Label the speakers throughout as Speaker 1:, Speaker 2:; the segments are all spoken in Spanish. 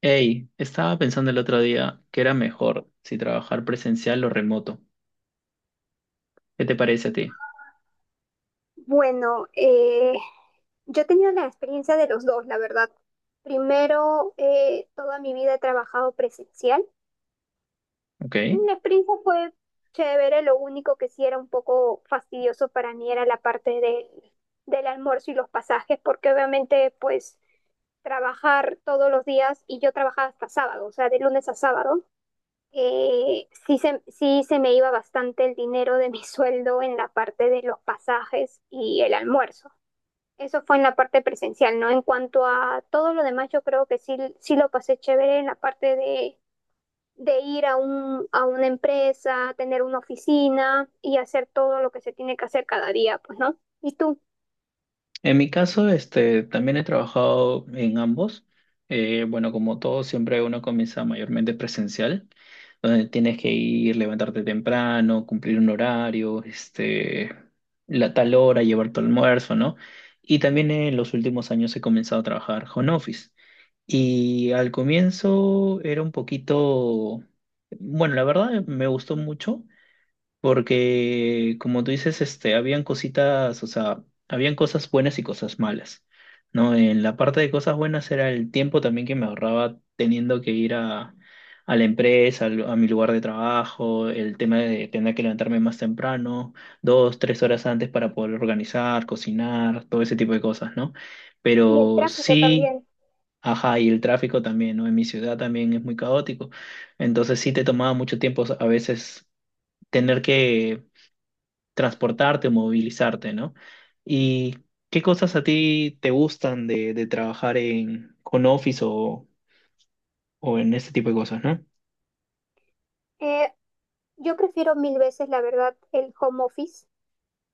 Speaker 1: Hey, estaba pensando el otro día que era mejor si trabajar presencial o remoto. ¿Qué te parece a ti?
Speaker 2: Bueno, yo he tenido la experiencia de los dos, la verdad. Primero, toda mi vida he trabajado presencial.
Speaker 1: Ok.
Speaker 2: La experiencia fue chévere, lo único que sí era un poco fastidioso para mí era del almuerzo y los pasajes, porque obviamente pues trabajar todos los días y yo trabajaba hasta sábado, o sea, de lunes a sábado, sí se me iba bastante el dinero de mi sueldo en la parte de los pasajes y el almuerzo. Eso fue en la parte presencial, ¿no? En cuanto a todo lo demás, yo creo que sí lo pasé chévere en la parte de ir a a una empresa, tener una oficina y hacer todo lo que se tiene que hacer cada día, pues, ¿no? Y tú,
Speaker 1: En mi caso, este, también he trabajado en ambos. Bueno, como todo, siempre uno comienza mayormente presencial, donde tienes que ir, levantarte temprano, cumplir un horario, este, la tal hora, llevar tu almuerzo, ¿no? Y también en los últimos años he comenzado a trabajar home office. Y al comienzo era un poquito, bueno, la verdad me gustó mucho porque, como tú dices, este, habían cositas, o sea, habían cosas buenas y cosas malas, ¿no? En la parte de cosas buenas era el tiempo también que me ahorraba teniendo que ir a la empresa, a mi lugar de trabajo, el tema de tener que levantarme más temprano, dos, tres horas antes para poder organizar, cocinar, todo ese tipo de cosas, ¿no?
Speaker 2: y el
Speaker 1: Pero
Speaker 2: tráfico
Speaker 1: sí.
Speaker 2: también.
Speaker 1: Ajá, y el tráfico también, ¿no? En mi ciudad también es muy caótico. Entonces sí te tomaba mucho tiempo a veces tener que transportarte o movilizarte, ¿no? ¿Y qué cosas a ti te gustan de trabajar en con Office o en este tipo de cosas, ¿no?
Speaker 2: Eh, yo prefiero mil veces, la verdad, el home office.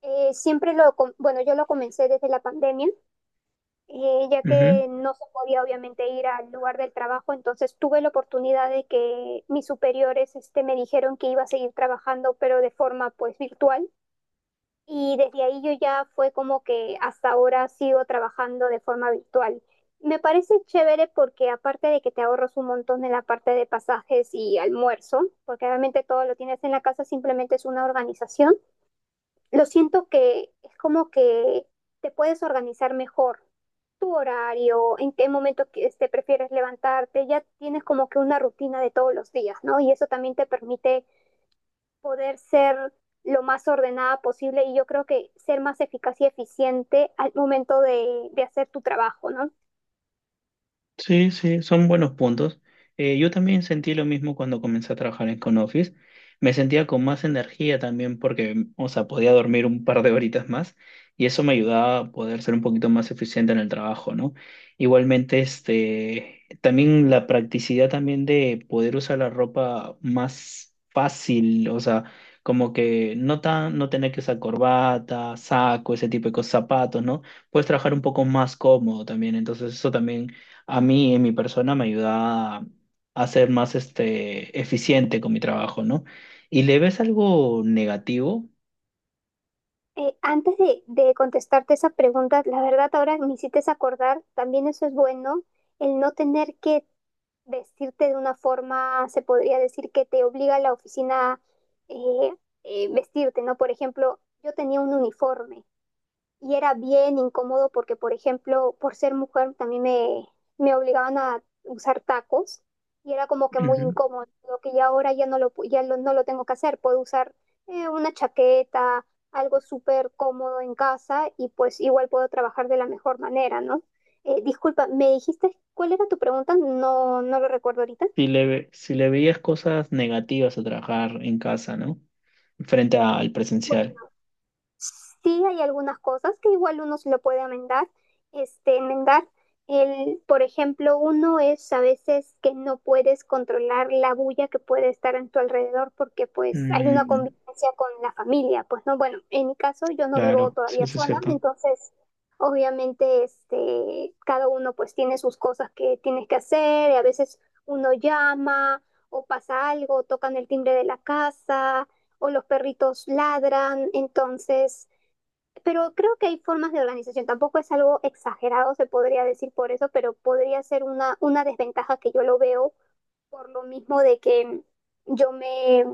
Speaker 2: Bueno, yo lo comencé desde la pandemia, ya que no se podía obviamente ir al lugar del trabajo, entonces tuve la oportunidad de que mis superiores este, me dijeron que iba a seguir trabajando, pero de forma pues virtual. Y desde ahí yo ya fue como que hasta ahora sigo trabajando de forma virtual. Me parece chévere porque aparte de que te ahorras un montón en la parte de pasajes y almuerzo, porque obviamente todo lo tienes en la casa, simplemente es una organización, lo siento que es como que te puedes organizar mejor tu horario, en qué momento que, este, prefieres levantarte, ya tienes como que una rutina de todos los días, ¿no? Y eso también te permite poder ser lo más ordenada posible y yo creo que ser más eficaz y eficiente al momento de hacer tu trabajo, ¿no?
Speaker 1: Sí, sí, son buenos puntos. Yo también sentí lo mismo cuando comencé a trabajar en ConOffice. Me sentía con más energía también porque, o sea, podía dormir un par de horitas más y eso me ayudaba a poder ser un poquito más eficiente en el trabajo, ¿no? Igualmente, este, también la practicidad también de poder usar la ropa más fácil, o sea, como que no tan, no tener que usar corbata, saco, ese tipo de cosas, zapatos, ¿no? Puedes trabajar un poco más cómodo también, entonces eso también a mí, en mi persona, me ayuda a ser más este, eficiente con mi trabajo, ¿no? ¿Y le ves algo negativo?
Speaker 2: Antes de contestarte esa pregunta, la verdad ahora me hiciste acordar, también eso es bueno, el no tener que vestirte de una forma, se podría decir que te obliga a la oficina eh, vestirte, ¿no? Por ejemplo, yo tenía un uniforme y era bien incómodo porque, por ejemplo, por ser mujer también me obligaban a usar tacos y era como que muy
Speaker 1: Ujú.
Speaker 2: incómodo, lo que ya ahora ya no lo, pu- ya lo- no lo tengo que hacer, puedo usar una chaqueta, algo súper cómodo en casa y pues igual puedo trabajar de la mejor manera, ¿no? Disculpa, ¿me dijiste cuál era tu pregunta? No, no lo recuerdo ahorita.
Speaker 1: Si le, si le veías cosas negativas a trabajar en casa, ¿no? Frente al presencial.
Speaker 2: Sí hay algunas cosas que igual uno se lo puede enmendar. El, por ejemplo, uno es a veces que no puedes controlar la bulla que puede estar en tu alrededor porque pues hay una
Speaker 1: Mm,
Speaker 2: convivencia con la familia. Pues no, bueno, en mi caso yo no vivo
Speaker 1: claro, sí,
Speaker 2: todavía
Speaker 1: eso es
Speaker 2: sola,
Speaker 1: cierto.
Speaker 2: entonces obviamente este, cada uno pues tiene sus cosas que tienes que hacer, y a veces uno llama o pasa algo, tocan el timbre de la casa o los perritos ladran, entonces, pero creo que hay formas de organización, tampoco es algo exagerado, se podría decir por eso, pero podría ser una desventaja que yo lo veo por lo mismo de que yo me,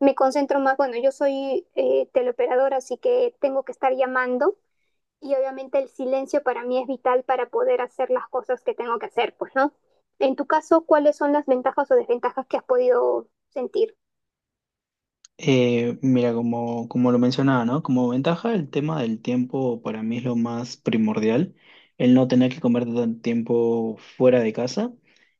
Speaker 2: me concentro más, bueno, yo soy teleoperadora, así que tengo que estar llamando y obviamente el silencio para mí es vital para poder hacer las cosas que tengo que hacer, pues, ¿no? En tu caso, ¿cuáles son las ventajas o desventajas que has podido sentir?
Speaker 1: Mira, como, como lo mencionaba, ¿no? Como ventaja, el tema del tiempo para mí es lo más primordial, el no tener que comer tanto tiempo fuera de casa.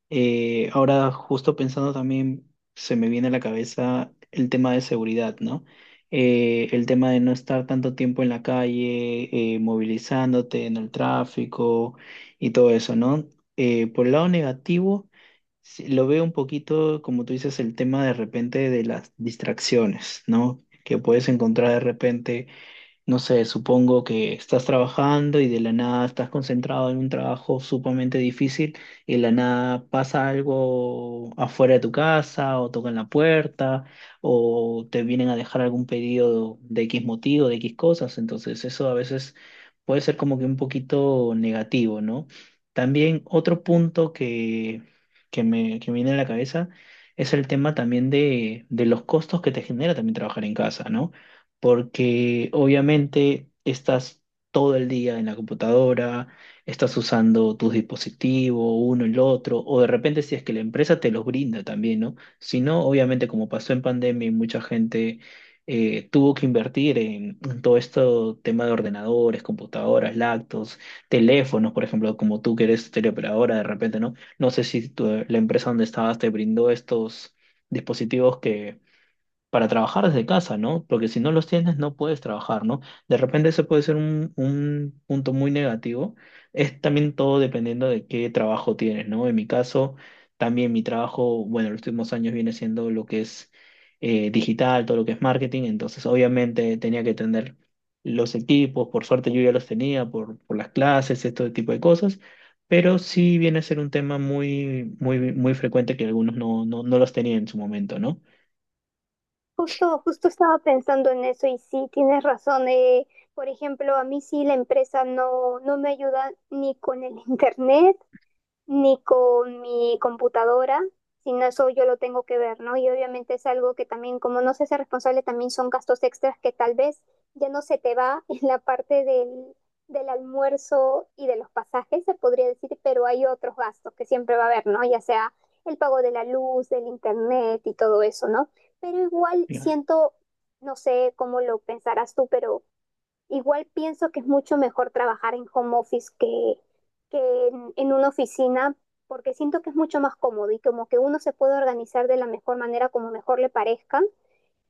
Speaker 1: Ahora, justo pensando también, se me viene a la cabeza el tema de seguridad, ¿no? El tema de no estar tanto tiempo en la calle, movilizándote en el tráfico y todo eso, ¿no? Por el lado negativo... Sí, lo veo un poquito, como tú dices, el tema de repente de las distracciones, ¿no? Que puedes encontrar de repente. No sé, supongo que estás trabajando y de la nada estás concentrado en un trabajo sumamente difícil y de la nada pasa algo afuera de tu casa o tocan la puerta o te vienen a dejar algún pedido de X motivo, de X cosas. Entonces eso a veces puede ser como que un poquito negativo, ¿no? También otro punto que, que me viene a la cabeza es el tema también de los costos que te genera también trabajar en casa, ¿no? Porque obviamente estás todo el día en la computadora, estás usando tus dispositivos, uno, el otro, o de repente si es que la empresa te los brinda también, ¿no? Si no, obviamente como pasó en pandemia y mucha gente tuvo que invertir en todo esto tema de ordenadores, computadoras, laptops, teléfonos, por ejemplo, como tú que eres teleoperadora, de repente, ¿no? No sé si la empresa donde estabas te brindó estos dispositivos que para trabajar desde casa, ¿no? Porque si no los tienes, no puedes trabajar, ¿no? De repente ese puede ser un punto muy negativo. Es también todo dependiendo de qué trabajo tienes, ¿no? En mi caso, también mi trabajo, bueno, los últimos años viene siendo lo que es digital, todo lo que es marketing, entonces obviamente tenía que tener los equipos, por suerte yo ya los tenía por las clases, este tipo de cosas. Pero sí viene a ser un tema muy, muy, muy frecuente que algunos no, no, no los tenían en su momento, ¿no?
Speaker 2: Justo estaba pensando en eso y sí, tienes razón. Por ejemplo, a mí sí la empresa no me ayuda ni con el internet, ni con mi computadora, sino eso yo lo tengo que ver, ¿no? Y obviamente es algo que también, como no se hace responsable, también son gastos extras que tal vez ya no se te va en la parte del almuerzo y de los pasajes, se podría decir, pero hay otros gastos que siempre va a haber, ¿no? Ya sea el pago de la luz, del internet y todo eso, ¿no? Pero igual siento, no sé cómo lo pensarás tú, pero igual pienso que es mucho mejor trabajar en home office que en una oficina, porque siento que es mucho más cómodo y como que uno se puede organizar de la mejor manera como mejor le parezca.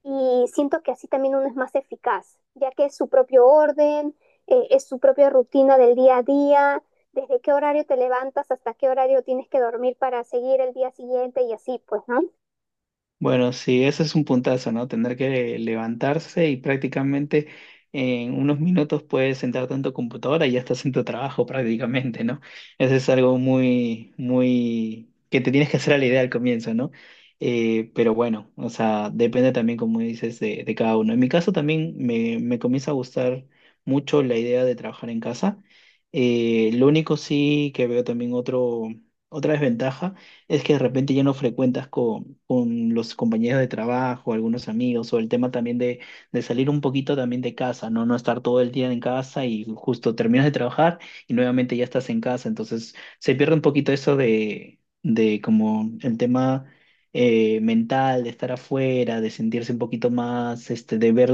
Speaker 2: Y siento que así también uno es más eficaz, ya que es su propio orden, es su propia rutina del día a día, desde qué horario te levantas hasta qué horario tienes que dormir para seguir el día siguiente y así, pues, ¿no?
Speaker 1: Bueno, sí, ese es un puntazo, ¿no? Tener que levantarse y prácticamente en unos minutos puedes sentarte en tu computadora y ya estás en tu trabajo prácticamente, ¿no? Eso es algo muy, muy, que te tienes que hacer a la idea al comienzo, ¿no? Pero bueno, o sea, depende también, como dices, de cada uno. En mi caso también me comienza a gustar mucho la idea de trabajar en casa. Lo único sí que veo también otro, otra desventaja es que de repente ya no frecuentas con los compañeros de trabajo, algunos amigos, o el tema también de salir un poquito también de casa, ¿no? No estar todo el día en casa y justo terminas de trabajar y nuevamente ya estás en casa. Entonces se pierde un poquito eso de como el tema mental, de estar afuera, de sentirse un poquito más, este, de ver,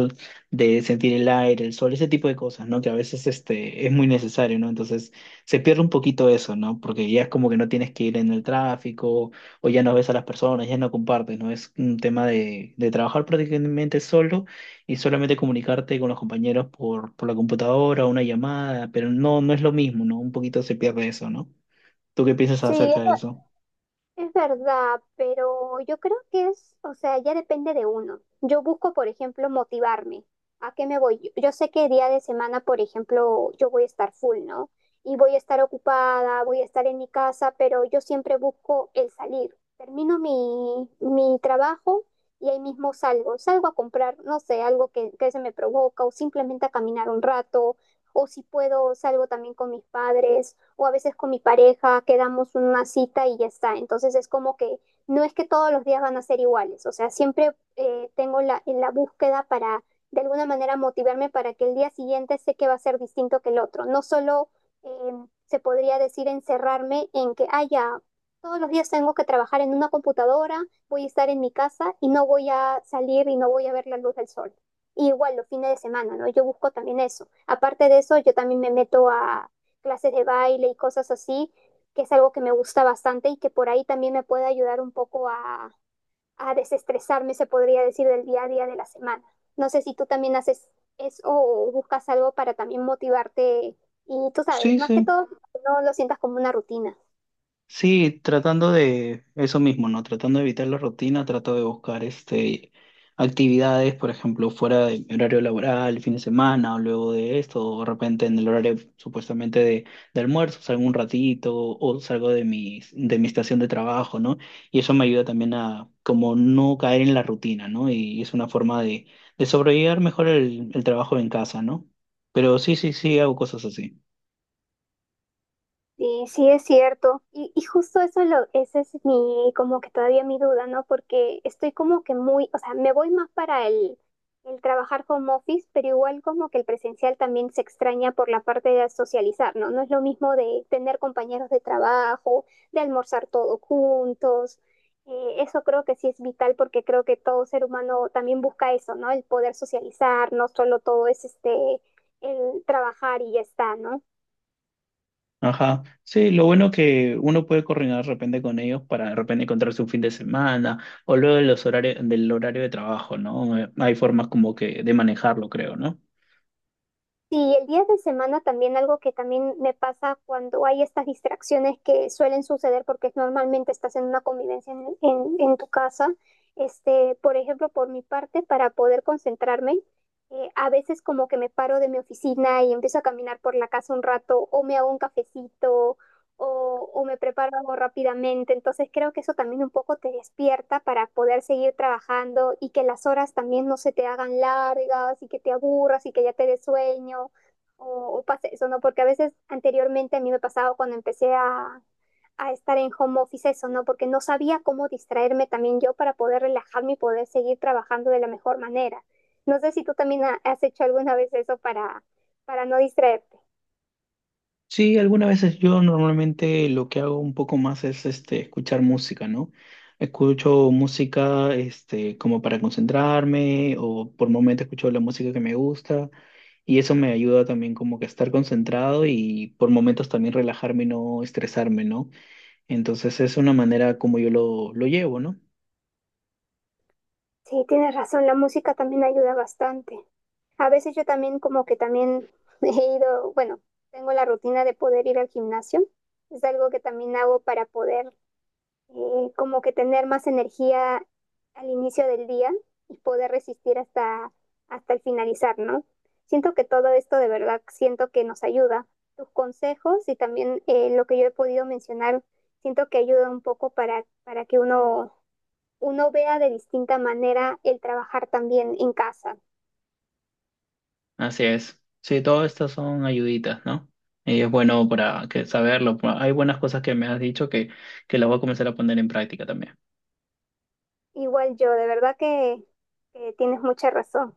Speaker 1: de sentir el aire, el sol, ese tipo de cosas, ¿no? Que a veces este, es muy necesario, ¿no? Entonces se pierde un poquito eso, ¿no? Porque ya es como que no tienes que ir en el tráfico o ya no ves a las personas, ya no compartes, ¿no? Es un tema de trabajar prácticamente solo y solamente comunicarte con los compañeros por la computadora o una llamada, pero no, no es lo mismo, ¿no? Un poquito se pierde eso, ¿no? ¿Tú qué piensas
Speaker 2: Sí,
Speaker 1: acerca de eso?
Speaker 2: es verdad, pero yo creo que es, o sea, ya depende de uno. Yo busco, por ejemplo, motivarme. ¿A qué me voy? Yo sé que día de semana, por ejemplo, yo voy a estar full, ¿no? Y voy a estar ocupada, voy a estar en mi casa, pero yo siempre busco el salir. Termino mi trabajo y ahí mismo salgo. Salgo a comprar, no sé, algo que se me provoca o simplemente a caminar un rato. O si puedo, salgo también con mis padres o a veces con mi pareja quedamos una cita y ya está. Entonces es como que no es que todos los días van a ser iguales, o sea, siempre en la búsqueda para de alguna manera motivarme para que el día siguiente sé que va a ser distinto que el otro. No solo eh, se podría decir encerrarme en que, ah, ya, todos los días tengo que trabajar en una computadora, voy a estar en mi casa y no voy a salir y no voy a ver la luz del sol. Y igual los fines de semana, ¿no? Yo busco también eso. Aparte de eso, yo también me meto clases de baile y cosas así, que es algo que me gusta bastante y que por ahí también me puede ayudar un poco a desestresarme, se podría decir, del día a día de la semana. No sé si tú también haces eso o buscas algo para también motivarte y tú sabes,
Speaker 1: Sí,
Speaker 2: más que
Speaker 1: sí.
Speaker 2: todo, no lo sientas como una rutina.
Speaker 1: Sí, tratando de eso mismo, ¿no? Tratando de evitar la rutina, trato de buscar este actividades, por ejemplo, fuera de mi horario laboral, el fin de semana, o luego de esto, o de repente en el horario supuestamente de almuerzo, salgo un ratito, o salgo de mi estación de trabajo, ¿no? Y eso me ayuda también a como no caer en la rutina, ¿no? Y es una forma de sobrellevar mejor el trabajo en casa, ¿no? Pero sí, sí, sí, hago cosas así.
Speaker 2: Sí, sí es cierto. Y justo eso es lo, ese es mi, como que todavía mi duda, ¿no? Porque estoy como que muy, o sea, me voy más para el trabajar home office, pero igual como que el presencial también se extraña por la parte de socializar, ¿no? No es lo mismo de tener compañeros de trabajo, de almorzar todos juntos. Eso creo que sí es vital porque creo que todo ser humano también busca eso, ¿no? El poder socializar, no solo todo es este, el trabajar y ya está, ¿no?
Speaker 1: Ajá. Sí, lo bueno que uno puede coordinar de repente con ellos para de repente encontrarse un fin de semana o luego de los horarios del horario de trabajo, ¿no? Hay formas como que de manejarlo, creo, ¿no?
Speaker 2: Sí, el día de semana también algo que también me pasa cuando hay estas distracciones que suelen suceder porque normalmente estás en una convivencia en tu casa. Este, por ejemplo, por mi parte, para poder concentrarme, a veces como que me paro de mi oficina y empiezo a caminar por la casa un rato o me hago un cafecito o me preparo algo rápidamente. Entonces creo que eso también un poco te despierta para poder seguir trabajando y que las horas también no se te hagan largas y que te aburras y que ya te des sueño o pase eso, ¿no? Porque a veces anteriormente a mí me pasaba cuando empecé a estar en home office eso, ¿no? Porque no sabía cómo distraerme también yo para poder relajarme y poder seguir trabajando de la mejor manera. No sé si tú también has hecho alguna vez eso para no distraerte.
Speaker 1: Sí, algunas veces yo normalmente lo que hago un poco más es este escuchar música, ¿no? Escucho música este como para concentrarme o por momentos escucho la música que me gusta y eso me ayuda también como que a estar concentrado y por momentos también relajarme y no estresarme, ¿no? Entonces es una manera como yo lo llevo, ¿no?
Speaker 2: Sí, tienes razón, la música también ayuda bastante. A veces yo también como que también he ido, bueno, tengo la rutina de poder ir al gimnasio. Es algo que también hago para poder como que tener más energía al inicio del día y poder resistir hasta el finalizar, ¿no? Siento que todo esto de verdad siento que nos ayuda. Tus consejos y también lo que yo he podido mencionar, siento que ayuda un poco para que uno vea de distinta manera el trabajar también en casa.
Speaker 1: Así es. Sí, todas estas son ayuditas, ¿no? Y es bueno para que saberlo. Hay buenas cosas que me has dicho que las voy a comenzar a poner en práctica también.
Speaker 2: Igual yo, de verdad que tienes mucha razón.